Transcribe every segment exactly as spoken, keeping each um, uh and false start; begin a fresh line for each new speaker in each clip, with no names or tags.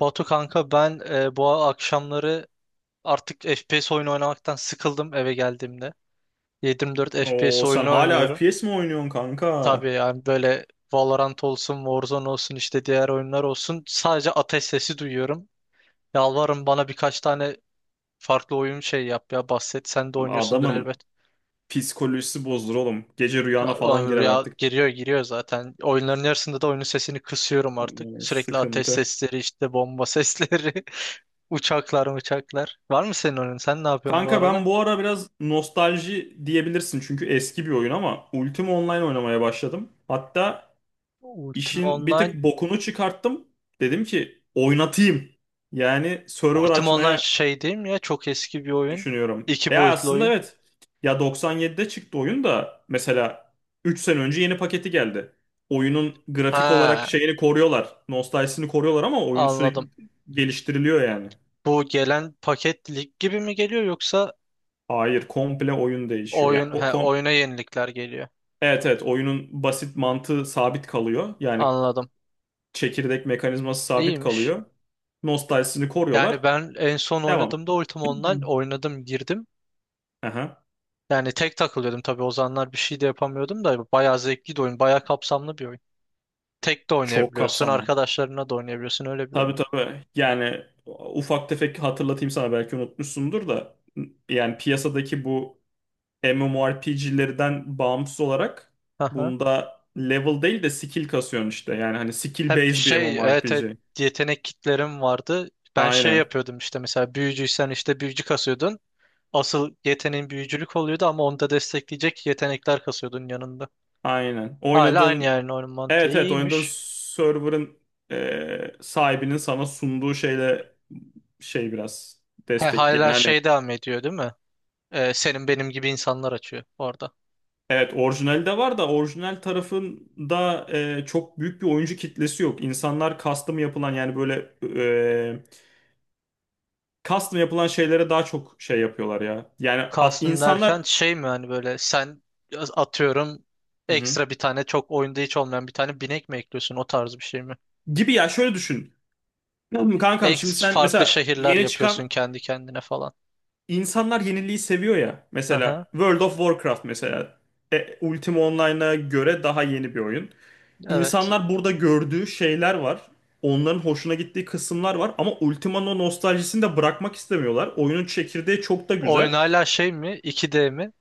Batu kanka ben e, bu akşamları artık F P S oyunu oynamaktan sıkıldım eve geldiğimde. yedi yirmi dört
Oo
F P S
sen
oyunu
hala
oynuyorum.
F P S mi oynuyorsun kanka?
Tabii yani böyle Valorant olsun, Warzone olsun işte diğer oyunlar olsun. Sadece ateş sesi duyuyorum. Yalvarırım bana birkaç tane farklı oyun şey yap ya bahset. Sen de oynuyorsundur
Adamın
elbet.
psikolojisi bozdur oğlum. Gece rüyana falan
Oğlum
girer
rüya
artık.
giriyor giriyor zaten. Oyunların yarısında da oyunun sesini kısıyorum artık.
Hmm,
Sürekli ateş
sıkıntı.
sesleri işte bomba sesleri. Uçaklar uçaklar. Var mı senin oyunun? Sen ne yapıyorsun bu
Kanka
aralar?
ben bu ara biraz nostalji diyebilirsin çünkü eski bir oyun ama Ultima Online oynamaya başladım. Hatta
Ultima
işin bir tık
Online.
bokunu çıkarttım. Dedim ki oynatayım. Yani server
Ultima Online
açmaya
şey değil mi ya? Çok eski bir oyun.
düşünüyorum.
İki
Ya
boyutlu
aslında
oyun.
evet. Ya doksan yedide çıktı oyun da mesela üç sene önce yeni paketi geldi. Oyunun grafik olarak
Ha,
şeyini koruyorlar. Nostaljisini koruyorlar ama oyun sürekli
anladım.
geliştiriliyor yani.
Bu gelen paket lig gibi mi geliyor yoksa
Hayır, komple oyun değişiyor. Yani
oyun
o
he,
kom
oyuna yenilikler geliyor.
Evet, evet, oyunun basit mantığı sabit kalıyor. Yani
Anladım.
çekirdek mekanizması sabit
İyiymiş.
kalıyor. Nostaljisini
Yani
koruyorlar.
ben en son
Devam.
oynadığımda Ultima Online oynadım girdim.
Aha.
Yani tek takılıyordum tabii o zamanlar bir şey de yapamıyordum da bayağı zevkli de oyun, bayağı kapsamlı bir oyun. Tek de
Çok
oynayabiliyorsun,
kapsamlı.
arkadaşlarına da oynayabiliyorsun öyle bir
Tabii,
oyun.
tabii. Yani ufak tefek hatırlatayım sana belki unutmuşsundur da yani piyasadaki bu M M O R P G'lerden bağımsız olarak
Aha.
bunda level değil de skill kasıyorsun işte. Yani hani skill
Hep
based bir
şey evet, evet,
MMORPG.
yetenek kitlerim vardı. Ben şey
Aynen.
yapıyordum işte mesela büyücüysen işte büyücü kasıyordun. Asıl yeteneğin büyücülük oluyordu ama onu da destekleyecek yetenekler kasıyordun yanında.
Aynen.
Hala aynı
Oynadığın
yani onun mantığı
evet evet oynadığın
iyiymiş.
server'ın e, sahibinin sana sunduğu şeyle şey biraz
He,
destekleyen
hala
hani.
şey devam ediyor değil mi? Ee, senin benim gibi insanlar açıyor orada.
Evet, orijinali de var da orijinal tarafında e, çok büyük bir oyuncu kitlesi yok. İnsanlar custom yapılan yani böyle e, custom yapılan şeylere daha çok şey yapıyorlar ya. Yani at-
Kalsın derken
insanlar.
şey mi hani böyle sen atıyorum
Hı hı.
ekstra bir tane çok oyunda hiç olmayan bir tane binek mi ekliyorsun o tarz bir şey mi?
Gibi ya, şöyle düşün. Kankam şimdi
Ex
sen
farklı
mesela
şehirler
yeni
yapıyorsun
çıkan
kendi kendine falan.
insanlar yeniliği seviyor ya.
Aha,
Mesela World of Warcraft mesela e, Ultima Online'a göre daha yeni bir oyun.
evet.
İnsanlar burada gördüğü şeyler var. Onların hoşuna gittiği kısımlar var ama Ultima'nın o nostaljisini de bırakmak istemiyorlar. Oyunun çekirdeği çok da
Oyun
güzel.
hala şey mi? iki D mi?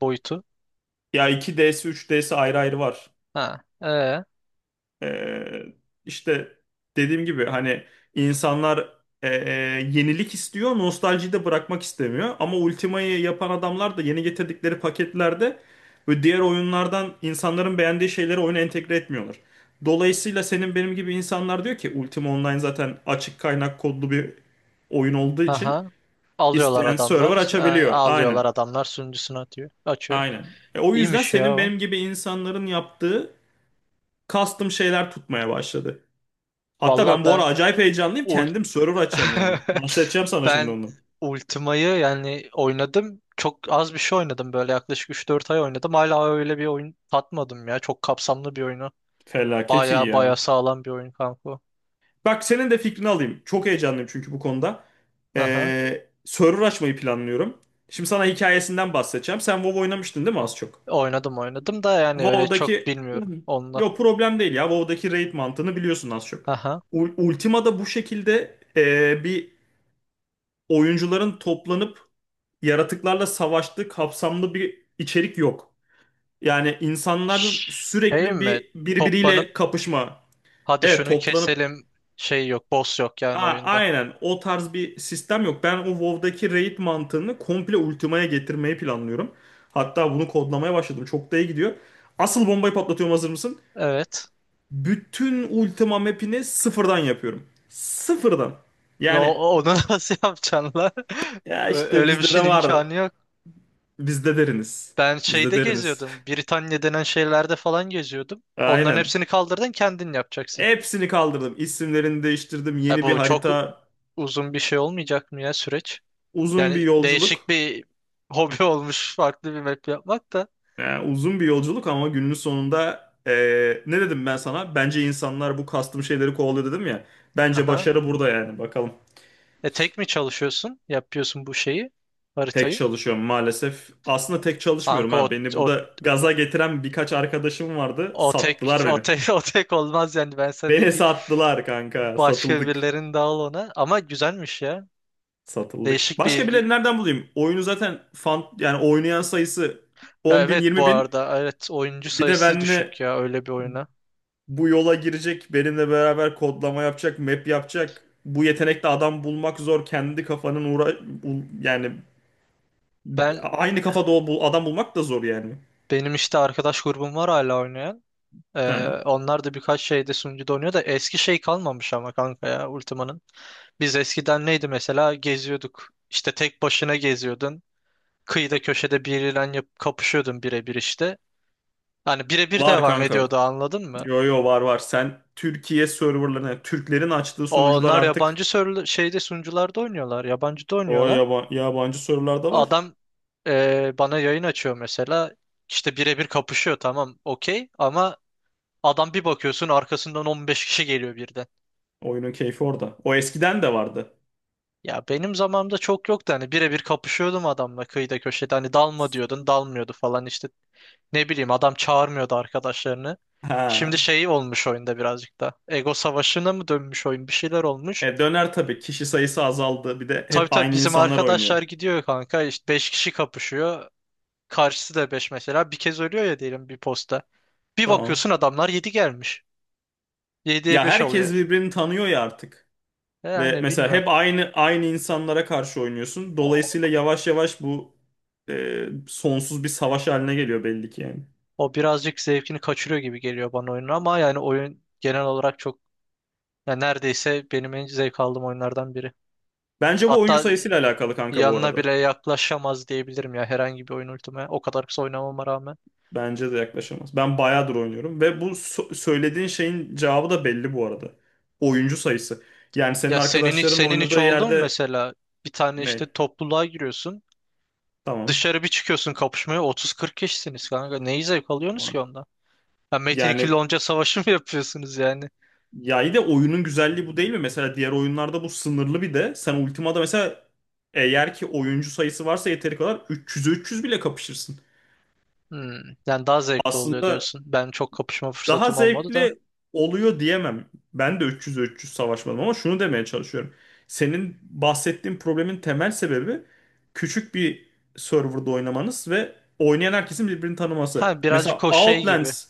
Boyutu.
Ya iki D'si üç D'si ayrı ayrı var.
Ha, ee,
Ee, işte dediğim gibi hani insanlar e, e, yenilik istiyor, nostaljiyi de bırakmak istemiyor. Ama Ultima'yı yapan adamlar da yeni getirdikleri paketlerde ve diğer oyunlardan insanların beğendiği şeyleri oyuna entegre etmiyorlar. Dolayısıyla senin benim gibi insanlar diyor ki Ultima Online zaten açık kaynak kodlu bir oyun olduğu için
aha. Alıyorlar
isteyen server
adamlar. e,
açabiliyor. Aynen.
alıyorlar adamlar sunucusunu atıyor. Açıyor.
Aynen. E, o yüzden
İyiymiş ya
senin
o.
benim gibi insanların yaptığı custom şeyler tutmaya başladı. Hatta
Valla
ben bu
ben
ara acayip heyecanlıyım.
ul
Kendim server açacağım yani. Bahsedeceğim sana şimdi
ben
onu.
Ultima'yı yani oynadım. Çok az bir şey oynadım böyle yaklaşık üç dört ay oynadım. Hala öyle bir oyun tatmadım ya. Çok kapsamlı bir oyunu.
Felaket iyi
Baya baya
ya.
sağlam bir oyun kanka. O.
Bak senin de fikrini alayım. Çok heyecanlıyım çünkü bu konuda.
Aha.
Ee, server açmayı planlıyorum. Şimdi sana hikayesinden bahsedeceğim. Sen WoW oynamıştın değil mi az çok?
Oynadım oynadım da yani öyle çok
WoW'daki... Hı
bilmiyorum
hı.
onunla.
Yo, problem değil ya. WoW'daki raid mantığını biliyorsun az çok.
Aha.
U- Ultima'da bu şekilde ee, bir oyuncuların toplanıp yaratıklarla savaştığı kapsamlı bir içerik yok. Yani insanların
Şey
sürekli
mi?
bir
Toplanıp
birbiriyle kapışma.
hadi
Evet,
şunu
toplanıp
keselim şey yok, boss yok
a
yani oyunda.
aynen, o tarz bir sistem yok. Ben o WoW'daki raid mantığını komple Ultima'ya getirmeyi planlıyorum. Hatta bunu kodlamaya başladım. Çok da iyi gidiyor. Asıl bombayı patlatıyorum, hazır mısın?
Evet.
Bütün Ultima map'ini sıfırdan yapıyorum. Sıfırdan.
La,
Yani
o- onu nasıl yapacaksın la?
ya
Ö-
işte
Öyle bir
bizde
şeyin
de var.
imkanı yok.
Bizde deriniz.
Ben
Bizde
şeyde
deriniz.
geziyordum. Britanya denen şeylerde falan geziyordum. Onların
Aynen.
hepsini kaldırdın kendin yapacaksın.
Hepsini kaldırdım. İsimlerini değiştirdim.
Ya
Yeni bir
bu çok
harita
uzun bir şey olmayacak mı ya süreç?
Uzun bir
Yani değişik
yolculuk.
bir hobi olmuş farklı bir map yapmak da.
Yani uzun bir yolculuk ama günün sonunda eee, ne dedim ben sana? Bence insanlar bu kastım şeyleri kovalıyor dedim ya. Bence
Aha.
başarı burada yani. Bakalım.
E tek mi çalışıyorsun? Yapıyorsun bu şeyi,
Tek
haritayı.
çalışıyorum maalesef. Aslında tek çalışmıyorum
Kanka o,
ha. Beni
o,
burada gaza getiren birkaç arkadaşım vardı.
o tek
Sattılar
o
beni.
tek o tek olmaz yani ben sana diyeyim
Beni
git
sattılar kanka.
başka
Satıldık.
birilerinin dağıl ona ama güzelmiş ya.
Satıldık.
Değişik bir
Başka
ilgi.
birileri nereden bulayım? Oyunu zaten fan yani oynayan sayısı
Ya
10 bin
evet, bu
20 bin.
arada evet oyuncu
Bir de
sayısı
benle
düşük ya öyle bir oyuna.
bu yola girecek, benimle beraber kodlama yapacak, map yapacak. Bu yetenekte adam bulmak zor. Kendi kafanın uğra bul- yani
Ben
aynı kafada o bul- adam bulmak da zor yani.
benim işte arkadaş grubum var hala oynayan. Ee,
Ha.
onlar da birkaç şeyde sunucuda oynuyor da eski şey kalmamış ama kanka ya Ultima'nın. Biz eskiden neydi mesela geziyorduk. İşte tek başına geziyordun. Kıyıda köşede biriyle yap kapışıyordum birebir işte. Hani birebir
Var
devam
kanka.
ediyordu anladın mı?
Yo, yo, var, var. Sen Türkiye serverlarına, Türklerin açtığı sunucular
Onlar
artık
yabancı sörlü şeyde sunucularda oynuyorlar. Yabancıda
o
oynuyorlar.
yaba- yabancı serverlar da var.
Adam e, bana yayın açıyor mesela. İşte birebir kapışıyor tamam okey ama adam bir bakıyorsun arkasından on beş kişi geliyor birden.
Oyunun keyfi orada. O eskiden de vardı.
Ya benim zamanımda çok yoktu hani birebir kapışıyordum adamla kıyıda köşede hani dalma diyordun dalmıyordu falan işte. Ne bileyim adam çağırmıyordu arkadaşlarını. Şimdi
Ha.
şey olmuş oyunda birazcık da. Ego savaşına mı dönmüş oyun? Bir şeyler olmuş.
E, döner tabii. Kişi sayısı azaldı. Bir de
Tabii
hep
tabii
aynı
bizim
insanlar oynuyor.
arkadaşlar gidiyor kanka. İşte beş kişi kapışıyor. Karşısı da beş mesela. Bir kez ölüyor ya diyelim bir posta. Bir
Tamam.
bakıyorsun adamlar yedi gelmiş. Yediye
Ya
beş oluyor.
herkes birbirini tanıyor ya artık. Ve
Yani
mesela
bilmiyorum.
hep aynı aynı insanlara karşı oynuyorsun.
O,
Dolayısıyla yavaş yavaş bu e, sonsuz bir savaş haline geliyor belli ki yani.
o birazcık zevkini kaçırıyor gibi geliyor bana oyunun ama yani oyun genel olarak çok, yani neredeyse benim en zevk aldığım oyunlardan biri.
Bence bu oyuncu
Hatta
sayısıyla alakalı kanka bu
yanına
arada.
bile yaklaşamaz diyebilirim ya herhangi bir oyun ultime. O kadar kısa oynamama rağmen.
Bence de yaklaşamaz. Ben bayağıdır oynuyorum ve bu so- söylediğin şeyin cevabı da belli bu arada. Oyuncu sayısı. Yani senin
Ya senin hiç
arkadaşların
senin hiç
oynadığı
oldu mu
yerde
mesela? Bir tane
ne?
işte topluluğa giriyorsun.
Tamam.
Dışarı bir çıkıyorsun kapışmaya otuz kırk kişisiniz kanka. Neyi zevk alıyorsunuz ki ondan? Ya Metin ikili
Yani,
onca savaşı mı yapıyorsunuz yani?
ya iyi de oyunun güzelliği bu değil mi? Mesela diğer oyunlarda bu sınırlı bir de. Sen Ultima'da mesela eğer ki oyuncu sayısı varsa yeteri kadar üç yüze üç yüz bile kapışırsın.
Hmm, yani daha zevkli oluyor
Aslında
diyorsun. Ben çok kapışma
daha
fırsatım olmadı da.
zevkli oluyor diyemem. Ben de üç yüz üç yüz savaşmadım ama şunu demeye çalışıyorum. Senin bahsettiğin problemin temel sebebi küçük bir serverda oynamanız ve oynayan herkesin birbirini tanıması.
Ha,
Mesela
birazcık o şey gibi.
Outlands,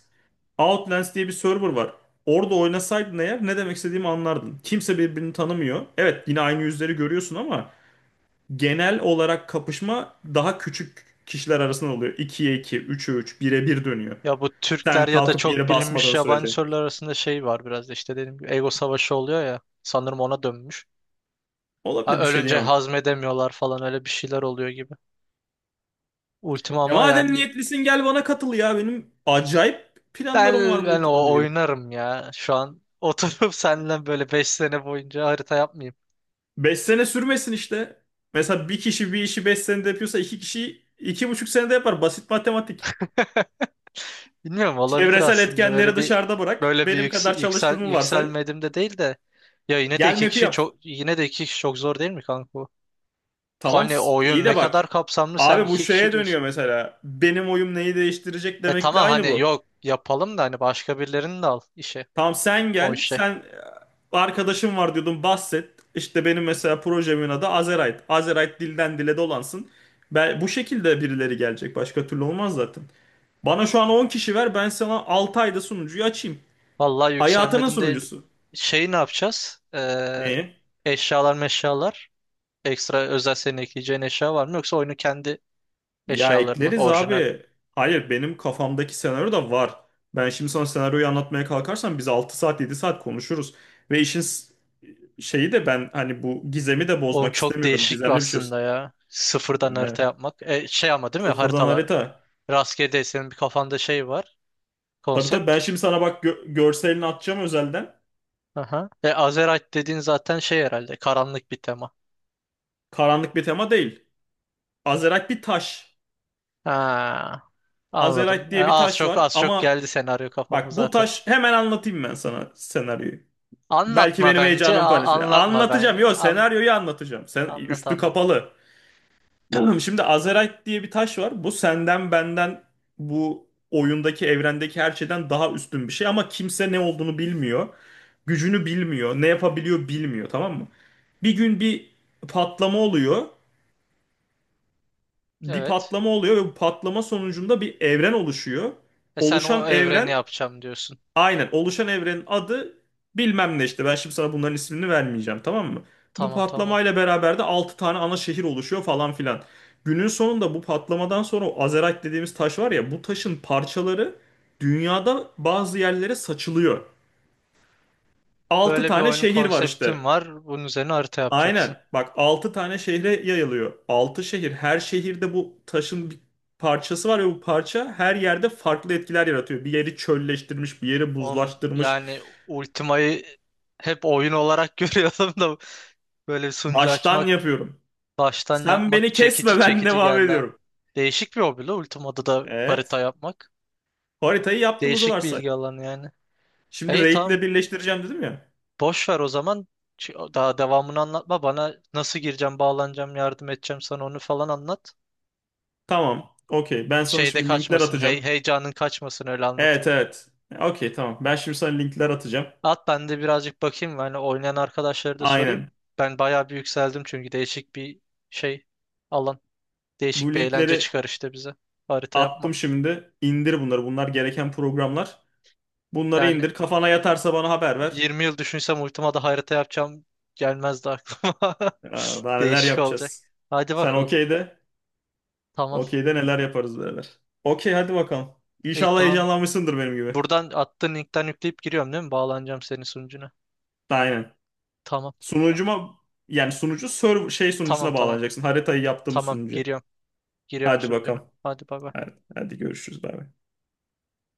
Outlands diye bir server var. Orada oynasaydın eğer ne demek istediğimi anlardın. Kimse birbirini tanımıyor. Evet, yine aynı yüzleri görüyorsun ama genel olarak kapışma daha küçük kişiler arasında oluyor. ikiye iki, üçe üç, bire bir dönüyor.
Ya bu
Sen
Türkler ya da
kalkıp yere
çok bilinmiş
basmadığın
yabancı
sürece.
sorular arasında şey var biraz da işte dediğim gibi ego savaşı oluyor ya. Sanırım ona dönmüş. Ha,
Olabilir, bir şey
ölünce
diyemem.
hazmedemiyorlar falan öyle bir şeyler oluyor gibi. Ultima
Ya
ama
madem
yani
niyetlisin gel bana katıl ya. Benim acayip planlarım var
ben,
bu
ben
ultimayla
o
ilgili.
oynarım ya. Şu an oturup seninle böyle beş sene boyunca harita yapmayayım.
Beş sene sürmesin işte. Mesela bir kişi bir işi beş senede yapıyorsa iki kişi iki buçuk senede yapar. Basit matematik.
Bilmiyorum olabilir
Çevresel
aslında böyle
etkenleri
bir
dışarıda bırak.
böyle bir
Benim
yüksel,
kadar
yüksel
çalıştığımı varsay.
yükselmedim de değil de ya yine de
Gel
iki
map'i
kişi
yap.
çok yine de iki kişi çok zor değil mi kanka bu?
Tamam
Hani
s- iyi
oyun ne
de bak.
kadar kapsamlı sen
Abi bu
iki kişi
şeye dönüyor
diyorsun.
mesela. Benim oyum neyi değiştirecek
E
demekle
tamam
aynı
hani
bu.
yok yapalım da hani başka birilerini de al işe.
Tamam, sen
O
gel.
işe.
Sen e, arkadaşım var diyordun, bahset. İşte benim mesela projemin adı Azerite. Azerite dilden dile dolansın. Ben, bu şekilde birileri gelecek. Başka türlü olmaz zaten. Bana şu an on kişi ver. Ben sana altı ayda sunucuyu açayım.
Vallahi
Hayatının
yükselmedim değil.
sunucusu.
Şeyi ne yapacağız? Ee,
Ne?
eşyalar meşyalar. Ekstra özel senin ekleyeceğin eşya var mı? Yoksa oyunu kendi
Ya
eşyaları mı?
ekleriz
Orijinal.
abi. Hayır, benim kafamdaki senaryo da var. Ben şimdi sana senaryoyu anlatmaya kalkarsam biz altı saat yedi saat konuşuruz. Ve işin s- şeyi de ben hani bu gizemi de
Oğlum
bozmak
çok
istemiyorum.
değişik
Gizemli bir şey
aslında ya. Sıfırdan harita
olsun.
yapmak. E, şey ama değil mi?
Sıfırdan
Haritalar.
harita.
Rastgele değil. Senin bir kafanda şey var.
Tabii, tabii
Konsept.
ben şimdi sana bak gö- görselini atacağım özelden.
Aha. E, Azerite dediğin zaten şey herhalde. Karanlık bir tema.
Karanlık bir tema değil. Azerite bir taş.
Ha,
Azerite
anladım. E,
diye bir
az
taş
çok
var
az çok
ama
geldi senaryo kafama
bak bu
zaten.
taş, hemen anlatayım ben sana senaryoyu. Belki
Anlatma
benim
bence.
heyecanımı
a-
paylaşır.
anlatma
Anlatacağım.
ben.
Yok,
An-
senaryoyu anlatacağım. Sen
Anlat
üstü
anlat.
kapalı. Tamam, şimdi Azerite diye bir taş var. Bu senden benden bu oyundaki evrendeki her şeyden daha üstün bir şey ama kimse ne olduğunu bilmiyor. Gücünü bilmiyor. Ne yapabiliyor bilmiyor, tamam mı? Bir gün bir patlama oluyor. Bir
Evet.
patlama oluyor ve bu patlama sonucunda bir evren oluşuyor.
E sen o
Oluşan
evreni
evren
yapacağım diyorsun.
Aynen, oluşan evrenin adı bilmem ne işte, ben şimdi sana bunların ismini vermeyeceğim, tamam mı? Bu
Tamam tamam.
patlamayla beraber de altı tane ana şehir oluşuyor falan filan. Günün sonunda bu patlamadan sonra o Azerite dediğimiz taş var ya, bu taşın parçaları dünyada bazı yerlere saçılıyor. Altı
Böyle bir
tane
oyunun
şehir var işte.
konseptim var. Bunun üzerine harita yapacaksın.
Aynen, bak altı tane şehre yayılıyor. Altı şehir, her şehirde bu taşın bir parçası var ve bu parça her yerde farklı etkiler yaratıyor. Bir yeri çölleştirmiş, bir yeri
Oğlum,
buzlaştırmış.
yani Ultima'yı hep oyun olarak görüyordum da böyle bir sunucu
Baştan
açmak,
yapıyorum.
baştan
Sen
yapmak
beni
çekici
kesme, ben
çekici
devam
geldi ha.
ediyorum.
Değişik bir hobi la Ultima'da da harita
Evet.
yapmak.
Haritayı yaptığımızı
Değişik bir
varsay.
ilgi alanı yani. E,
Şimdi
İyi
raid'le
tamam
birleştireceğim dedim ya.
boş ver o zaman. Ç- Daha devamını anlatma bana, nasıl gireceğim, bağlanacağım, yardım edeceğim sana onu falan anlat.
Tamam. Okey. Ben sana
Şeyde
şimdi linkler
kaçmasın.
atacağım.
Hey, heyecanın kaçmasın öyle anlatıp.
Evet, evet. Okey, tamam. Ben şimdi sana linkler atacağım.
At ben de birazcık bakayım. Yani oynayan arkadaşları da sorayım.
Aynen.
Ben bayağı bir yükseldim çünkü değişik bir şey alan. Değişik
Bu
bir eğlence
linkleri
çıkar işte bize. Harita yapmak.
attım şimdi. İndir bunları. Bunlar gereken programlar. Bunları
Yani
indir. Kafana yatarsa bana haber ver.
yirmi yıl düşünsem ultima harita yapacağım gelmezdi aklıma.
Aa, daha neler
Değişik olacak.
yapacağız.
Hadi
Sen
bakalım.
okey de.
Tamam.
Okey de neler yaparız beraber. Okey hadi bakalım.
İyi
İnşallah
tamam.
heyecanlanmışsındır benim gibi.
Buradan attığın linkten yükleyip giriyorum değil mi? Bağlanacağım senin sunucuna.
Aynen.
Tamam.
Sunucuma yani sunucu server şey
Tamam
sunucusuna
tamam.
bağlanacaksın. Haritayı yaptığımız
Tamam
sunucu.
giriyorum. Giriyorum
Hadi
sunucuna.
bakalım.
Hadi bay bay.
Hadi, hadi görüşürüz. Bay bay.